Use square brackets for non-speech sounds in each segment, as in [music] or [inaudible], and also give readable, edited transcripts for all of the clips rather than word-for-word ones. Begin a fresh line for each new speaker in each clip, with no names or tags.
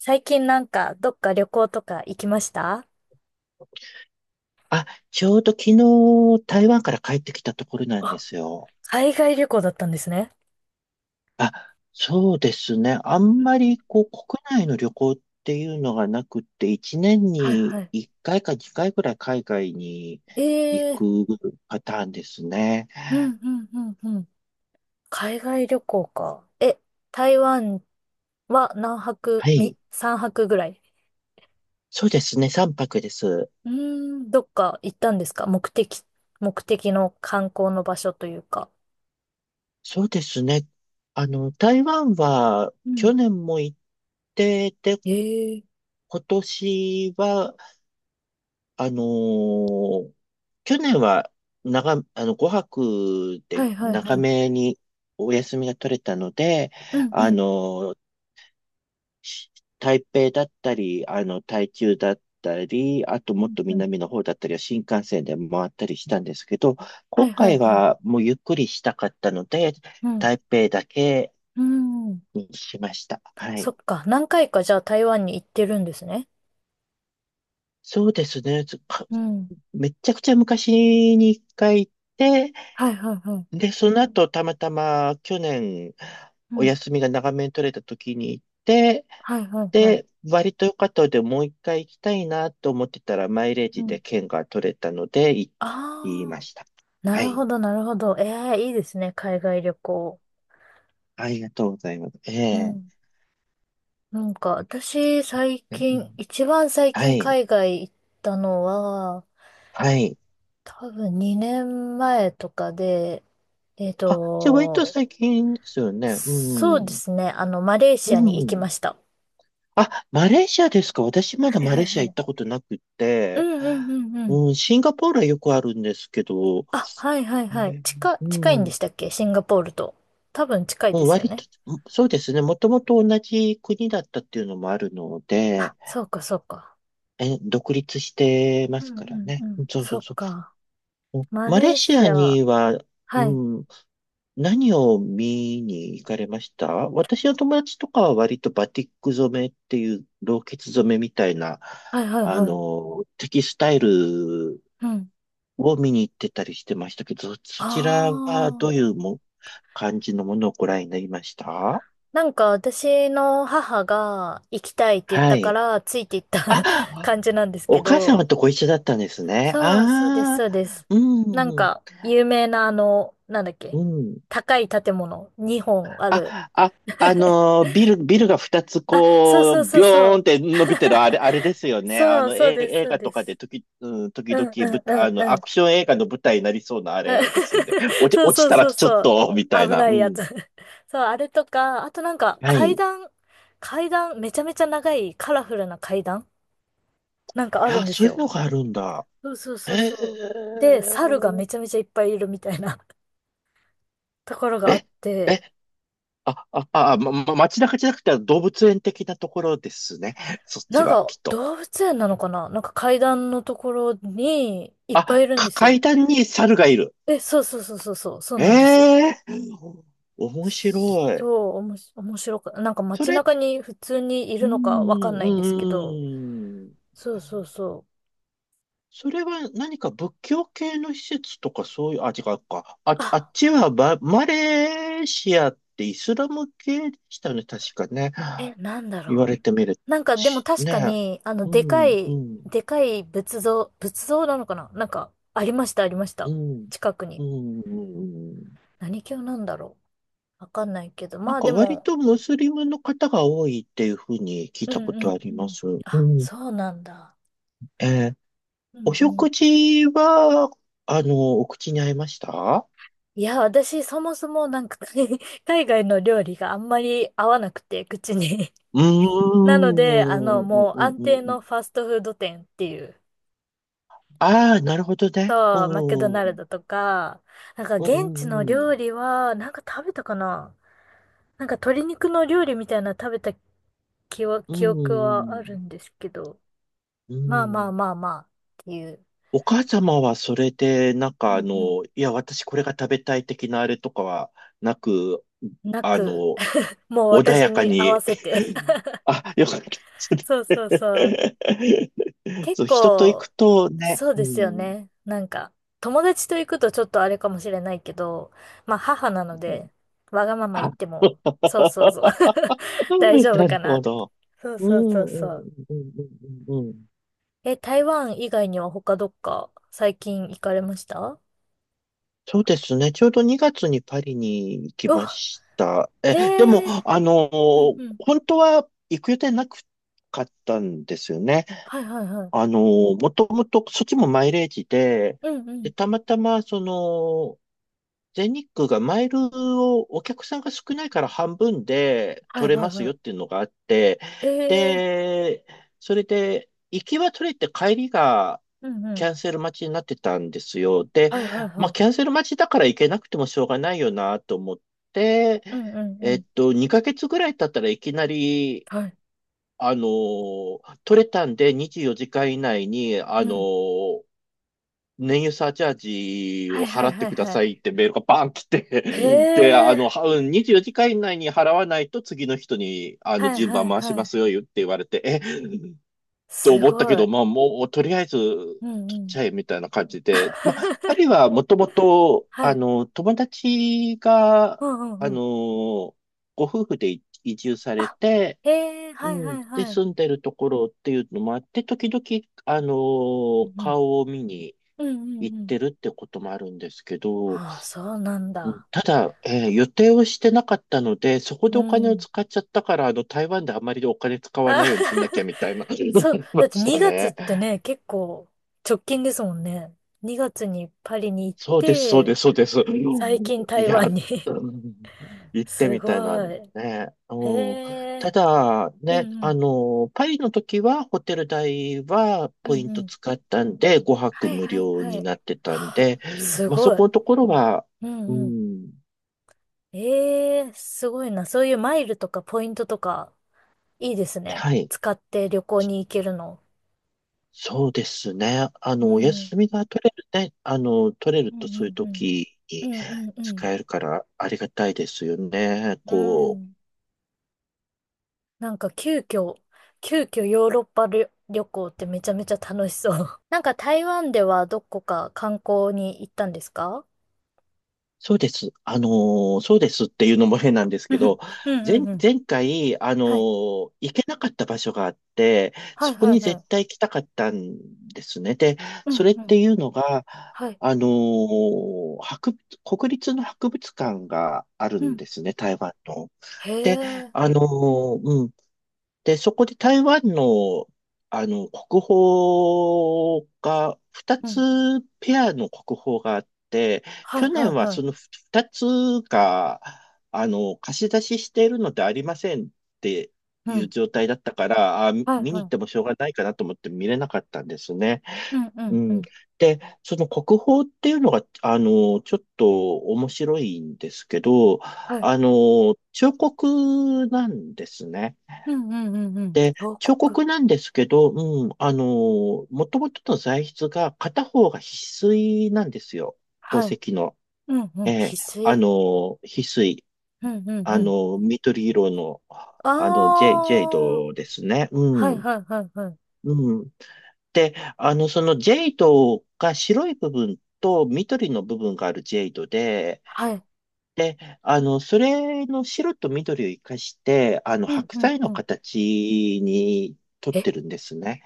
最近なんか、どっか旅行とか行きました？
あ、ちょうど昨日台湾から帰ってきたところなんで
あ、
すよ。
海外旅行だったんですね。
あ、そうですね。あ
う
ん
ん
まりこう国内の旅行っていうのがなくって、1年
はい
に
はい。
1回か2回ぐらい海外に行
ええ
くパターンですね。
うんうんうんうん。海外旅行か。え、台湾は何泊、
はい。
泊ぐらい？
そうですね。3泊です。
うーん、どっか行ったんですか？目的の観光の場所というか。
そうですね。台湾は
うん。
去年も行って、で、
ええ
今年はあのー去年は長、あの、5泊
は
で
いはい
長
はい。
めにお休みが取れたので、
うんう
あ
ん
のーし台北だったり、台中だったり、あともっと
うんうん。
南の方だったりは新幹線で回ったりしたんですけど、
は
今
いはい
回
はい。
はもうゆっくりしたかったので、
うん。
台北だけ
うん。
にしました。はい。
そっか。何回かじゃあ台湾に行ってるんですね。
そうですね。
うん。
めちゃくちゃ昔に一回行って、
はいはいはい。
で、その後、たまたま去年、
う
お
ん。
休みが長めに取れた時に行って、
はいはいはい。
で、割と良かったので、もう一回行きたいなと思ってたら、マイレー
う
ジ
ん。
で券が取れたので、行き
あ
ま
あ、
した。
な
は
るほ
い。
どなるほど。ええ、いいですね、海外旅行。
ありがとうございます。え
う
え。
ん。なんか、私、最
うん。
近、一番最
は
近
い。
海外行ったのは、
はい。
多分2年前とかで、えっ
あ、じゃあ割と
と、
最近ですよね。う
そうで
ん。
すね、あの、マレーシ
う
アに行きま
ん。
した。
あ、マレーシアですか。私ま
は
だ
い
マ
は
レ
い
ーシア
は
行った
い。
ことなく
う
て、
んうんうんうん。
うん、シンガポールはよくあるんですけど、
あ、はいはい
え
はい。
ー
近、
う
近いんで
ん。
したっけシンガポールと。多分近いで
もう
すよ
割
ね。
と、そうですね。もともと同じ国だったっていうのもあるの
あ、
で、
そうかそうか。
え、独立してま
う
す
ん
か
う
ら
ん
ね。
うん。
そうそ
そ
う
っ
そ
か。
う。
マ
マレ
レ
ー
ー
シ
シ
ア
ア。
には、
はい。
うん、何を見に行かれました？私の友達とかは割とバティック染めっていう老血染めみたいな、
はいはいはい。
テキスタイル
うん。
を見に行ってたりしてましたけど、そちらは
あ
どうい
あ。
う感じのものをご覧になりました？
なんか私の母が行きたいって言っ
は
たか
い。
らついていった
あ、
[laughs] 感じなんですけ
お母
ど。
様とご一緒だったんですね。
そうそうです
あ
そ
あ、
うです。なん
うん、
か有名なあの、なんだっ
う
け。
ん。
高い建物2本ある。
あ、あ、ビルが二つ
そう
こ
そう
う、
そ
ビ
うそ
ョーン
う。
って伸びてる、あれ、
[laughs]
あれですよね。
そうそうです
映
そう
画
で
とかで
す。
うん、時
うん
々
う
舞
ん
台、
うんう
アク
ん。
ション映画の舞台になりそうなあれですよね。
[laughs]
落ち、
そう
落ち
そう
たら
そう
ちょっ
そう。
と、みたい
危
な。
な
う
いやつ。
ん。
[laughs] そう、あれとか、あとなんか
はい。
階
い
段、めちゃめちゃ長いカラフルな階段なんかあるん
や、
で
そ
す
ういう
よ。
のがあるんだ。
そうそうそう
へ
そ
え。
う。で、猿がめちゃめちゃいっぱいいるみたいな [laughs] ところがあっ
え、
て、
え、街中じゃなくて動物園的なところですね。そっ
な
ち
ん
は、
か
きっと。
動物園なのかな、なんか階段のところにいっぱいいるんです
階
よ。
段に猿がいる。
え、そうそうそうそうそう、そう
え
なんです。
えー、面白い。
そう、おもし、面白か、なんか
そ
街
れ、
中に普通にい
う
るのか
ん、
わかんな
う
いんですけど、
ん、うん。
そうそうそう。
それは何か仏教系の施設とかそういう、あ、違うか。あ、あっ
あ、
ちはバマレーシアってイスラム系でしたよね、確かね。
え、なんだ
言わ
ろ
れてみる
う。なんかでも
し、
確か
ね。
に、あの、
うん、うん。
でかい仏像なのかな、なんか、ありました、ありました。
うん。
近くに。
うん。うんうん。
何教なんだろう。わかんないけど。
なん
まあ
か
で
割
も、
とムスリムの方が多いっていうふうに聞い
うん
たこ
う
とあ
ん
り
う
ま
ん。
す。う
あ、
ん。
そうなんだ。
えー
う
お
んうん。
食事は、お口に合いました？
いや、私、そもそもなんか [laughs] 海外の料理があんまり合わなくて、口に。
うー
なので、あの、
ん。うんう
もう
ん
安
うん
定
うん。
のファストフード店っていう。
ああー、なるほどね。
と、マクド
う
ナル
ん。
ドとか、なんか
う
現地の
んうん
料理は、なんか食べたかな、なんか鶏肉の料理みたいなの食べた
う
記憶はある
ん。
んですけど、
う
まあ
ん
ま
う
あま
ん。
あまあっていう、
お母様はそれで、なんか
うんう
いや、私これが食べたい的なあれとかはなく、
ん、な
あ
く、
の、
[laughs] もう
穏
私
やか
に合わ
に、
せて
あ、よかったです
[laughs] そうそうそう。
ね。[laughs]
結
そう、人と行く
構、
とね、
そう
う
ですよ
ん、
ね。なんか、友達と行くとちょっとあれかもしれないけど、まあ母なの
うん。
で、わがまま言
あ、
っても、そう
[laughs]
そうそう [laughs] 大丈夫
な
か
る
なっ
ほ
て。
ど。
そう
う
そう
ん、
そう
う
そ
ん、
う。
うん、うん、うんうん。
え、台湾以外には他どっか最近行かれました？
そうですね。ちょうど2月にパリに行き
う
ま
わ、
した。でも、
へえ。うんうん。
本当は行く予定なかったんですよね。
はいはいはい。
もともと、そっちもマイレージで、
うんう
で、
ん。
たまたま、全日空がマイルをお客さんが少ないから半分で
はい
取れ
はい
ますよ
は
っていうのがあって、
い。ええ。
で、それで行きは取れて帰りが
うんう
キ
ん。
ャンセル待ちになってたんですよ。で、
はいはい
ま
は
あキャ
い。
ンセル待ちだから行けなくてもしょうがないよなと思って、
うんうんうん。
2ヶ月ぐらい経ったらいきなり、
はい。
取れたんで24時間以内に、
うん。
燃油サーチャージ
は
を
いは
払
い
っ
は
て
い
くだ
はい。
さいってメールがバーン来て、
へ
[laughs] で、
え。
はにじゅうよじかん24時間以内に払わないと次の人に、
はい
順
は
番
い
回し
は
ま
い。
すよ、って言われて、と
す
思ったけ
ご
ど、
い。
まあ、もう、とりあえず、
うん
取
う
っち
ん。
ゃえ、みたいな感じで、まあ、パ
[laughs]
リはもともと、
はい。
友達が、
うんうん
あ
う
の、
ん。
ご夫婦で移住され
あ、
て、
へえ。
う
はいは
ん、
い
で、
はい。
住んでるところっていうのもあって、時々、
うんうん。
顔を見に、
うんう
行っ
んうん。
てるってこともあるんですけど、うん。
ああ、そうなんだ。
ただ、予定をしてなかったので、そこ
う
でお金を
ん。
使っちゃったから、台湾であまりお金使わ
あ
ないようにしなきゃみ
[laughs]
たいな [laughs] のが
そ
あ
う、
りま
だって
した
2月っ
ね。
てね、結構直近ですもんね。2月にパリに行っ
そうです、そうで
て、
す、そうです。
最近
い
台
や、
湾に
うん、
[laughs]
行って
す
みたいな、
ご
ね。
い。へ
うん、た
え。
だ、
う
ね、
んうん。
パリの時はホテル代は
う
ポイ
ん
ン
う
ト
ん。
使ったんで、5
は
泊
い
無
はい
料
はい。
に
は
なってたん
あ
で、
す
まあ、そ
ごい。
このところは、
う
う
んうん。
ん、
ええ、すごいな。そういうマイルとかポイントとか、いいですね。
はい。
使って旅行に行けるの。
そうですね。
う
お
ん。
休みが取れるね。取れる
うん
とそう
う
いう
んうん。
時
う
に
んうんうん。
使えるからありがたいですよね。
う
こ
ん。
う、
なんか急遽ヨーロッパ旅行ってめちゃめちゃ楽しそう。[laughs] なんか台湾ではどこか観光に行ったんですか？
そうです。そうですっていうのも変なんです
う
けど、
ん、うん、
前、
うん。うん
前回、
はい。
行けなかった場所があって、
はい、
そこ
はい、
に
は
絶
い。
対行きたかったんですね。で、
う
そ
ん、
れっ
う
て
ん。
いうのが、
はい。
あの、博物、国立の博物館がある
う
ん
ん。
ですね、台湾の。
へ
で、
え。
うん、で、そこで台湾の、国宝が、二
うん。
つペアの国宝があって、
はい、
去
はい、
年は
は
その
い。
二つが、貸し出ししているのでありませんって
う
いう
ん。
状態だったから、あ、見
はい、
見に
は
行っても
い。
しょうがないかなと思って見れなかったんですね。
うん、う
う
ん、う
ん。
ん。
で、その国宝っていうのが、ちょっと面白いんですけど、
はい。
彫刻なんですね。
うん、うん、うん、うん。
で、
王
彫
国。
刻なんですけど、うん、もともとの材質が片方が翡翠なんですよ。宝
はい。
石の。
うん、うん。
え
翡
え、あ
翠。
の翡翠。
うん、うん、うん。
緑色の、
あ
ジェイ
あ。
ドですね。
は
う
い、
ん。
はい、はい、はい。
うん。で、そのジェイドが白い部分と緑の部分があるジェイドで、
はい。
で、それの白と緑を生かして、
うん、
白
うん、
菜
う
の
ん。
形に取っ
え
てるんですね。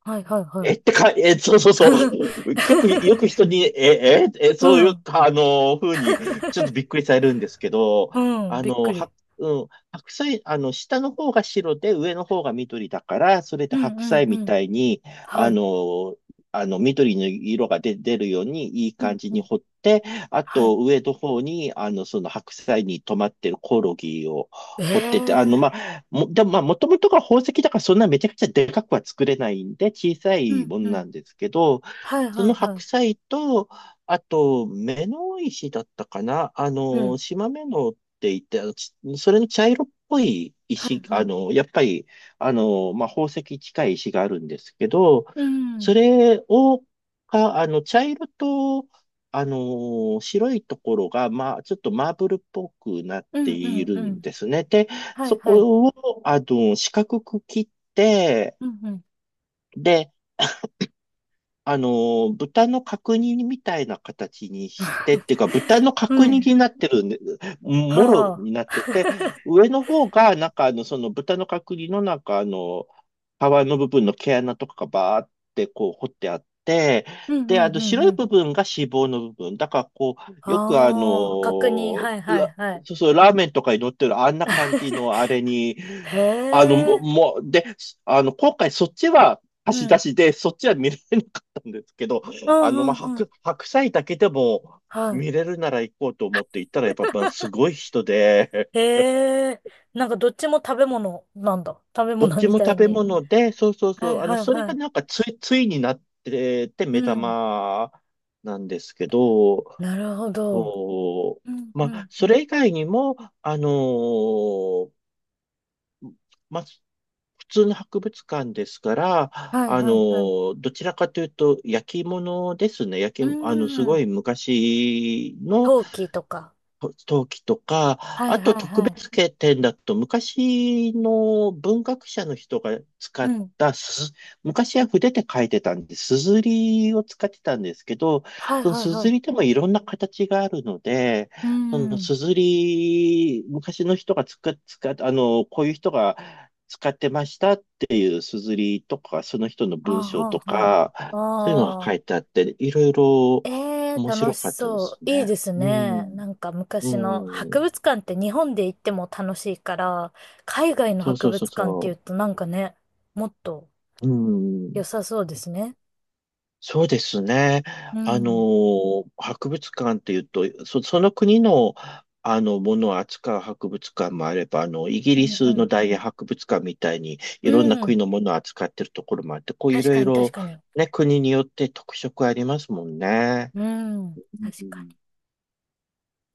はいはいは
え
い。
ってか、え、そうそうそ
[laughs]
う。結構よく人に、
う
そういう、
ん。
風に、ちょっと
[laughs]
びっくりされるんですけど、
うん。
あ
びっ
の、
く
は、
り。
うん、白菜、下の方が白で上の方が緑だから、それで
うん
白
うん
菜み
うん。
たいに、
は
あ
い。
の、緑の色が出るようにいい
う
感
ん
じ
う
に
ん。
掘って、あ
はい。
と、上の方に、その白菜に止まってるコオロギを掘ってて、
ええ
まあ、でもまあ、もともとが宝石だからそんなめちゃくちゃでかくは作れないんで、小さ
う
い
ん
もの
う
な
ん。
んですけど、
はい
そ
はい
の
は
白菜と、あと、目の石だったかな、
い。うん。
島目のって言って、それの茶色っぽい
は
石、
いはい。
やっぱり、まあ、宝石近い石があるんですけど、
うん。う
そ
ん
れを、か、あの、茶色と、白いところが、まあ、ちょっとマーブルっぽくなっ
う
て
ん
いる
う
ん
ん。
ですね。で、
はい
そ
はい。
こを四角く切って、
うんうん。
で、豚の角煮みたいな形にして、っていうか、豚の
う
角煮
ん。
になってるんで、もろ
はあ。
になってて、上の方が、なんかその豚の角煮のなんか皮の部分の毛穴とかがバーってこう掘ってあって、
うん
で、
うんうん
白い
うん。
部分が脂肪の部分。だから、こう、よく
ああ。確認。はいはいはい。
そうそう、ラーメンとかに乗ってるあんな感じのあれに、
へ
もう、
え。
もうで、あの、今回そっちは、貸し
う
出
ん。
しで、そっちは見れんですけど、
うんう
まあ、
んうん。
白菜だけでも
は
見れるなら行こうと思って行ったら、やっぱ、まあ、すごい人で、
い。へえ。なんかどっちも食べ物なんだ。食べ
どっ
物
ち
み
も
たい
食べ
に。
物で、そうそう
は
そ
い
う、
はい
それ
は
が
い。
なんかついになってて、
う
目
ん。
玉なんですけど、
なるほど。
そ
うん、
う、ま
うん、
あ、
う
そ
ん。
れ以外にも、あのーまあ、普通の博物館ですから、
はいはいはい。
どちらかというと、焼き物ですね。焼
う
き、あの、すご
ん。
い昔の、
陶器とか。
と陶器とか、
は
あ
い
と
はい
特
は
別景点だと昔の文学者の人が使
い。う
っ
ん。
たすず、昔は筆で書いてたんで、すずりを使ってたんですけど、
はい
その
はい
す
は
ず
い。
りでもいろんな形があるので、
う
その
ん。
すずり、昔の人が使っ、使っ、あの、こういう人が使ってましたっていうすずりとか、その人の文章
あ
とか、
あ、ああ、
そういうのが
あ
書い
あ。
てあって、いろいろ
ええ
面
楽
白
し
かったで
そ
す
う。いい
ね。
です
う
ね。
ん。
なんか
う
昔の
ん。
博物館って日本で行っても楽しいから、海外の
そうそ
博
うそう
物館って言う
そ
となんかね、もっと
う。う
良
ん。
さそうですね。
そうですね。
うん。
博物館っていうと、その国の、ものを扱う博物館もあれば、イギ
う
リ
んう
スの
んう
大英
ん。
博物館みたいに、いろんな
う
国
ん。
のものを扱ってるところもあって、こう、い
確
ろい
かに確
ろ、
かに。
ね、国によって特色ありますもんね。
うん。確
う
か
ん
に。